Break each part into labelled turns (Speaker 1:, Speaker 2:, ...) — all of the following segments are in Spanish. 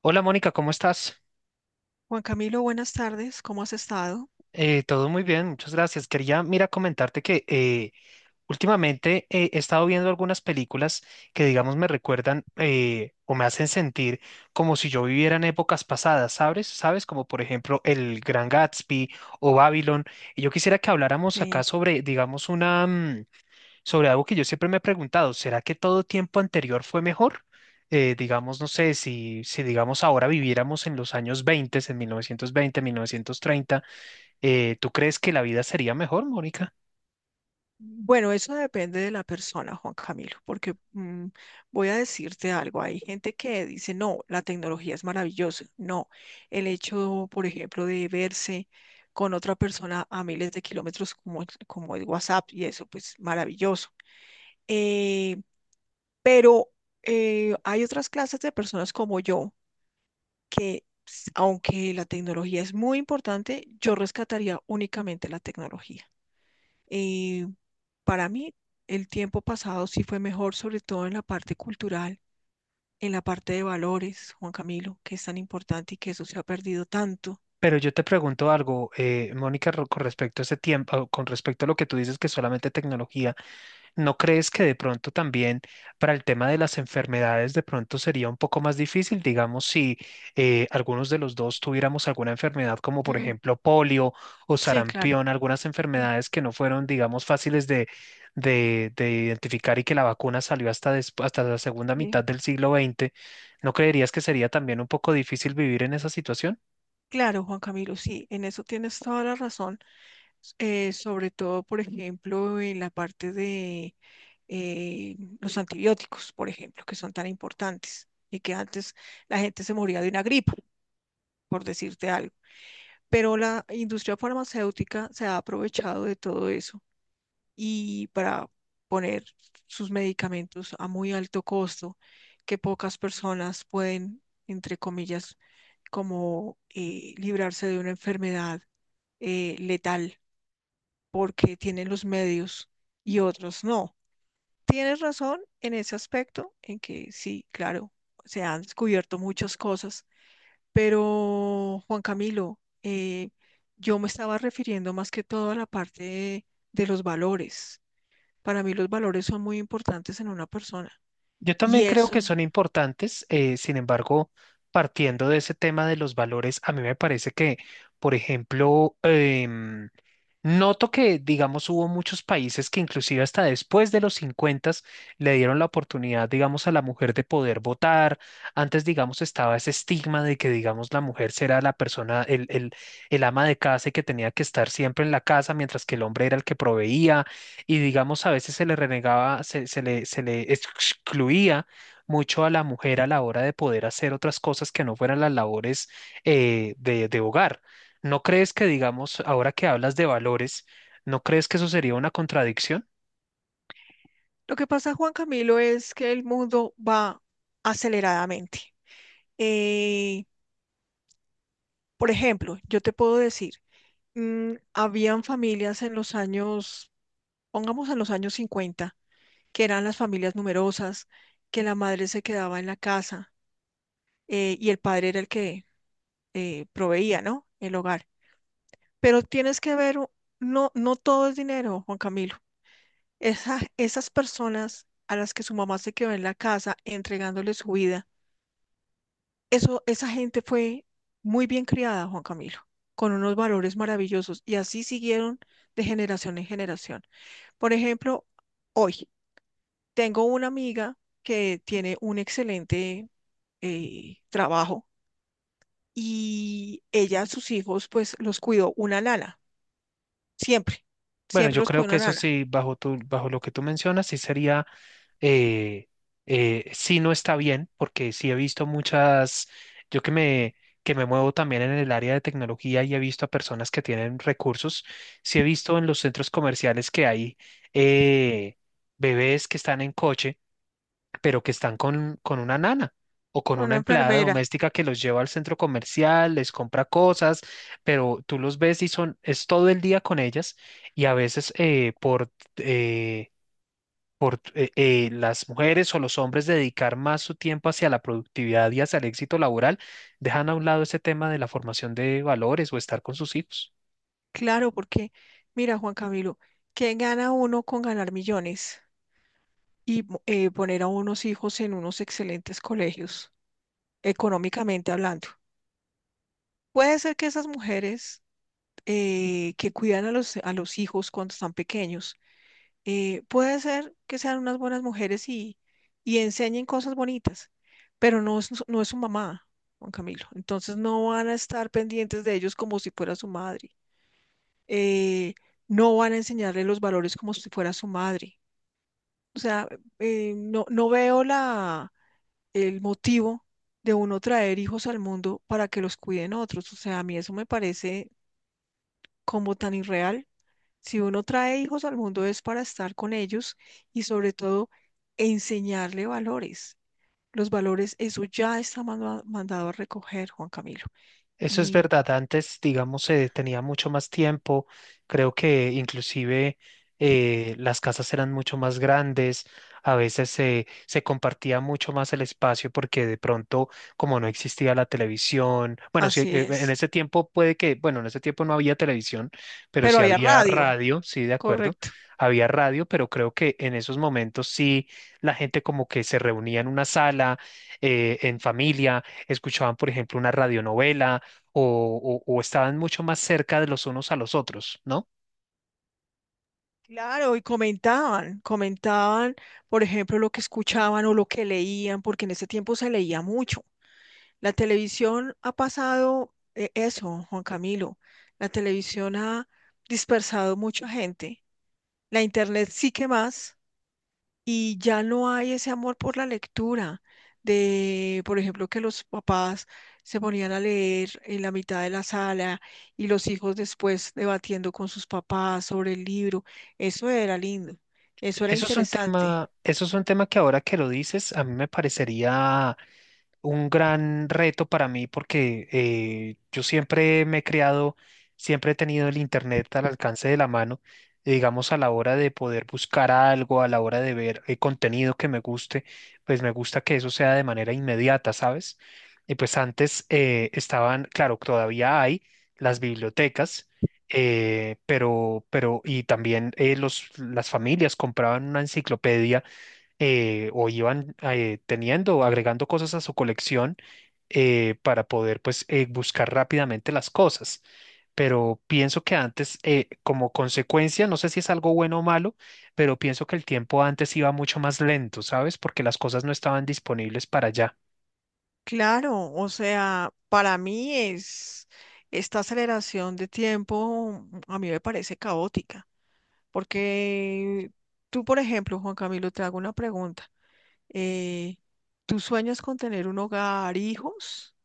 Speaker 1: Hola Mónica, ¿cómo estás?
Speaker 2: Juan Camilo, buenas tardes, ¿cómo has estado?
Speaker 1: Todo muy bien, muchas gracias. Quería, mira, comentarte que últimamente he estado viendo algunas películas que, digamos, me recuerdan, o me hacen sentir como si yo viviera en épocas pasadas, ¿sabes? ¿Sabes? Como por ejemplo El Gran Gatsby o Babylon. Y yo quisiera que habláramos acá
Speaker 2: Sí.
Speaker 1: sobre, digamos, una, sobre algo que yo siempre me he preguntado, ¿será que todo tiempo anterior fue mejor? Digamos, no sé, si digamos ahora viviéramos en los años 20, en 1920, 1930, ¿tú crees que la vida sería mejor, Mónica?
Speaker 2: Bueno, eso depende de la persona, Juan Camilo, porque voy a decirte algo. Hay gente que dice, no, la tecnología es maravillosa. No, el hecho, por ejemplo, de verse con otra persona a miles de kilómetros como, como el WhatsApp y eso, pues maravilloso. Eh, pero hay otras clases de personas como yo que, aunque la tecnología es muy importante, yo rescataría únicamente la tecnología. Eh, para mí, el tiempo pasado sí fue mejor, sobre todo en la parte cultural, en la parte de valores, Juan Camilo, que es tan importante y que eso se ha perdido tanto.
Speaker 1: Pero yo te pregunto algo, Mónica, con respecto a ese tiempo, con respecto a lo que tú dices que solamente tecnología. ¿No crees que de pronto también para el tema de las enfermedades de pronto sería un poco más difícil, digamos, si algunos de los dos tuviéramos alguna enfermedad como por
Speaker 2: Mm.
Speaker 1: ejemplo polio o
Speaker 2: Sí, claro.
Speaker 1: sarampión, algunas
Speaker 2: Mm.
Speaker 1: enfermedades que no fueron, digamos, fáciles de identificar y que la vacuna salió hasta la segunda
Speaker 2: Sí,
Speaker 1: mitad del siglo XX? ¿No creerías que sería también un poco difícil vivir en esa situación?
Speaker 2: claro, Juan Camilo, sí, en eso tienes toda la razón, sobre todo, por ejemplo, en la parte de los antibióticos, por ejemplo, que son tan importantes y que antes la gente se moría de una gripa, por decirte algo. Pero la industria farmacéutica se ha aprovechado de todo eso y para poner sus medicamentos a muy alto costo que pocas personas pueden, entre comillas, como librarse de una enfermedad letal porque tienen los medios y otros no. Tienes razón en ese aspecto, en que sí, claro, se han descubierto muchas cosas pero, Juan Camilo, yo me estaba refiriendo más que todo a la parte de los valores. Para mí los valores son muy importantes en una persona.
Speaker 1: Yo
Speaker 2: Y
Speaker 1: también creo
Speaker 2: eso,
Speaker 1: que son importantes, sin embargo, partiendo de ese tema de los valores, a mí me parece que, por ejemplo, noto que, digamos, hubo muchos países que inclusive hasta después de los 50 le dieron la oportunidad, digamos, a la mujer de poder votar. Antes, digamos, estaba ese estigma de que, digamos, la mujer será la persona, el ama de casa y que tenía que estar siempre en la casa, mientras que el hombre era el que proveía y digamos a veces se le renegaba, se le excluía mucho a la mujer a la hora de poder hacer otras cosas que no fueran las labores de hogar. ¿No crees que, digamos, ahora que hablas de valores, no crees que eso sería una contradicción?
Speaker 2: lo que pasa, Juan Camilo, es que el mundo va aceleradamente. Eh, por ejemplo, yo te puedo decir, habían familias en los años, pongamos en los años 50, que eran las familias numerosas, que la madre se quedaba en la casa y el padre era el que proveía, ¿no? El hogar. Pero tienes que ver, no, no todo es dinero, Juan Camilo. Esas personas a las que su mamá se quedó en la casa entregándole su vida, eso, esa gente fue muy bien criada, Juan Camilo, con unos valores maravillosos y así siguieron de generación en generación. Por ejemplo, hoy tengo una amiga que tiene un excelente trabajo y ella a sus hijos pues los cuidó una nana. Siempre,
Speaker 1: Bueno,
Speaker 2: siempre
Speaker 1: yo
Speaker 2: los
Speaker 1: creo
Speaker 2: cubre
Speaker 1: que
Speaker 2: una
Speaker 1: eso
Speaker 2: lana.
Speaker 1: sí, bajo tu, bajo lo que tú mencionas, sí sería, eh, sí, no está bien, porque sí he visto muchas, yo que me muevo también en el área de tecnología y he visto a personas que tienen recursos, sí he visto en los centros comerciales que hay eh, bebés que están en coche, pero que están con una nana, o con una
Speaker 2: Una
Speaker 1: empleada
Speaker 2: enfermera.
Speaker 1: doméstica que los lleva al centro comercial, les compra cosas, pero tú los ves y son, es todo el día con ellas y a veces eh, por las mujeres o los hombres dedicar más su tiempo hacia la productividad y hacia el éxito laboral, dejan a un lado ese tema de la formación de valores o estar con sus hijos.
Speaker 2: Claro, porque mira, Juan Camilo, ¿qué gana uno con ganar millones y poner a unos hijos en unos excelentes colegios, económicamente hablando? Puede ser que esas mujeres que cuidan a los hijos cuando están pequeños, puede ser que sean unas buenas mujeres y enseñen cosas bonitas, pero no es, no es su mamá, Juan Camilo. Entonces no van a estar pendientes de ellos como si fuera su madre. Eh, no van a enseñarle los valores como si fuera su madre. O sea, no, no veo la, el motivo de uno traer hijos al mundo para que los cuiden otros. O sea, a mí eso me parece como tan irreal. Si uno trae hijos al mundo es para estar con ellos y sobre todo enseñarle valores. Los valores, eso ya está mandado a recoger, Juan Camilo.
Speaker 1: Eso es
Speaker 2: Y
Speaker 1: verdad. Antes, digamos, se tenía mucho más tiempo. Creo que inclusive las casas eran mucho más grandes. A veces se compartía mucho más el espacio porque de pronto, como no existía la televisión, bueno, sí,
Speaker 2: así
Speaker 1: en
Speaker 2: es.
Speaker 1: ese tiempo puede que, bueno, en ese tiempo no había televisión, pero
Speaker 2: Pero
Speaker 1: sí
Speaker 2: había
Speaker 1: había
Speaker 2: radio,
Speaker 1: radio, sí, de acuerdo.
Speaker 2: correcto.
Speaker 1: Había radio, pero creo que en esos momentos sí la gente como que se reunía en una sala, en familia, escuchaban, por ejemplo, una radionovela o estaban mucho más cerca de los unos a los otros, ¿no?
Speaker 2: Claro, y comentaban, comentaban, por ejemplo, lo que escuchaban o lo que leían, porque en ese tiempo se leía mucho. La televisión ha pasado eso, Juan Camilo. La televisión ha dispersado mucha gente. La internet sí que más. Y ya no hay ese amor por la lectura. De, por ejemplo, que los papás se ponían a leer en la mitad de la sala y los hijos después debatiendo con sus papás sobre el libro. Eso era lindo. Eso era
Speaker 1: Eso es un
Speaker 2: interesante.
Speaker 1: tema, eso es un tema que ahora que lo dices, a mí me parecería un gran reto para mí porque yo siempre me he creado, siempre he tenido el internet al alcance de la mano, y digamos a la hora de poder buscar algo, a la hora de ver contenido que me guste, pues me gusta que eso sea de manera inmediata, ¿sabes? Y pues antes estaban, claro, todavía hay las bibliotecas. Y también las familias compraban una enciclopedia, o iban teniendo, o agregando cosas a su colección para poder pues buscar rápidamente las cosas. Pero pienso que antes, como consecuencia, no sé si es algo bueno o malo, pero pienso que el tiempo antes iba mucho más lento, ¿sabes? Porque las cosas no estaban disponibles para allá.
Speaker 2: Claro, o sea, para mí es esta aceleración de tiempo, a mí me parece caótica. Porque tú, por ejemplo, Juan Camilo, te hago una pregunta. eh, ¿Tú sueñas con tener un hogar, hijos?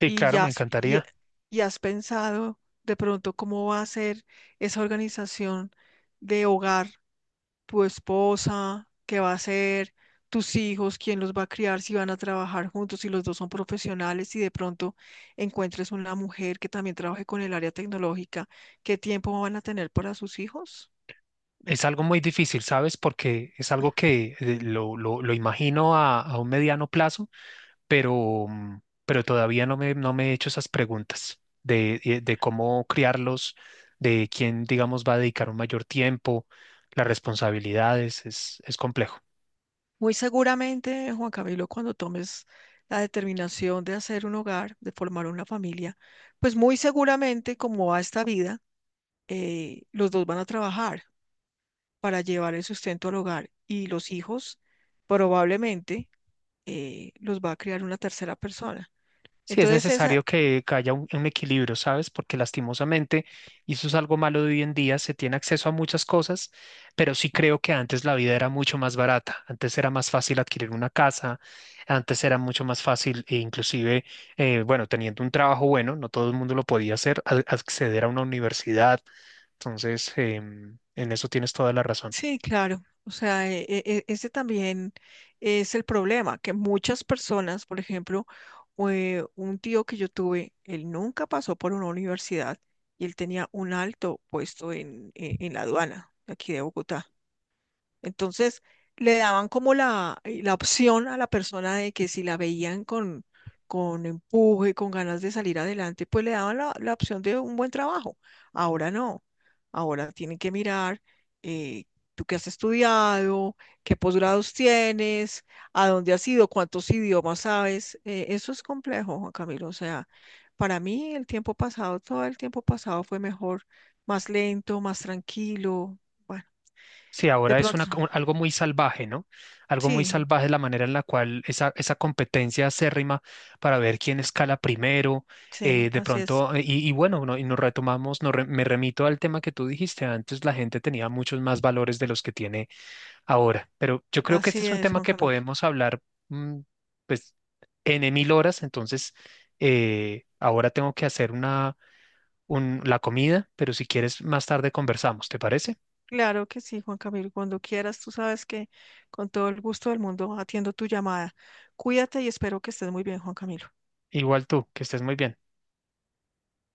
Speaker 1: Sí,
Speaker 2: ¿Y
Speaker 1: claro,
Speaker 2: ya
Speaker 1: me
Speaker 2: has,
Speaker 1: encantaría.
Speaker 2: y has pensado de pronto cómo va a ser esa organización de hogar, tu esposa, qué va a ser, tus hijos, quién los va a criar, si van a trabajar juntos, si los dos son profesionales y de pronto encuentres una mujer que también trabaje con el área tecnológica? ¿Qué tiempo van a tener para sus hijos?
Speaker 1: Es algo muy difícil, ¿sabes? Porque es algo que lo imagino a un mediano plazo, pero, mm, pero todavía no me, no me he hecho esas preguntas de cómo criarlos, de quién, digamos, va a dedicar un mayor tiempo, las responsabilidades, es complejo.
Speaker 2: Muy seguramente, Juan Camilo, cuando tomes la determinación de hacer un hogar, de formar una familia, pues muy seguramente, como va esta vida, los dos van a trabajar para llevar el sustento al hogar y los hijos probablemente los va a criar una tercera persona.
Speaker 1: Sí, es
Speaker 2: Entonces, esa,
Speaker 1: necesario que haya un equilibrio, ¿sabes? Porque lastimosamente, y eso es algo malo de hoy en día, se tiene acceso a muchas cosas, pero sí creo que antes la vida era mucho más barata. Antes era más fácil adquirir una casa, antes era mucho más fácil, e inclusive, bueno, teniendo un trabajo bueno, no todo el mundo lo podía hacer, acceder a una universidad. Entonces, en eso tienes toda la razón.
Speaker 2: sí, claro. O sea, ese también es el problema, que muchas personas, por ejemplo, un tío que yo tuve, él nunca pasó por una universidad y él tenía un alto puesto en la aduana de aquí de Bogotá. Entonces, le daban como la, la opción a la persona de que si la veían con empuje, con ganas de salir adelante, pues le daban la, la opción de un buen trabajo. Ahora no. Ahora tienen que mirar eh, tú qué has estudiado, qué posgrados tienes, a dónde has ido, cuántos idiomas sabes. Eso es complejo, Juan Camilo. O sea, para mí el tiempo pasado, todo el tiempo pasado fue mejor, más lento, más tranquilo. Bueno,
Speaker 1: Sí,
Speaker 2: de
Speaker 1: ahora es
Speaker 2: pronto,
Speaker 1: algo muy salvaje, ¿no? Algo muy
Speaker 2: sí.
Speaker 1: salvaje la manera en la cual esa competencia acérrima para ver quién escala primero,
Speaker 2: Sí,
Speaker 1: eh, de pronto, eh, y, y bueno, y nos retomamos, me remito al tema que tú dijiste antes, la gente tenía muchos más valores de los que tiene ahora, pero yo creo que este
Speaker 2: así
Speaker 1: es un
Speaker 2: es,
Speaker 1: tema
Speaker 2: Juan
Speaker 1: que
Speaker 2: Camilo.
Speaker 1: podemos hablar, mm, pues, en mil horas, entonces, ahora tengo que hacer la comida, pero si quieres, más tarde conversamos, ¿te parece?
Speaker 2: Claro que sí, Juan Camilo. Cuando quieras, tú sabes que con todo el gusto del mundo atiendo tu llamada. Cuídate y espero que estés muy bien, Juan Camilo.
Speaker 1: Igual tú, que estés muy bien.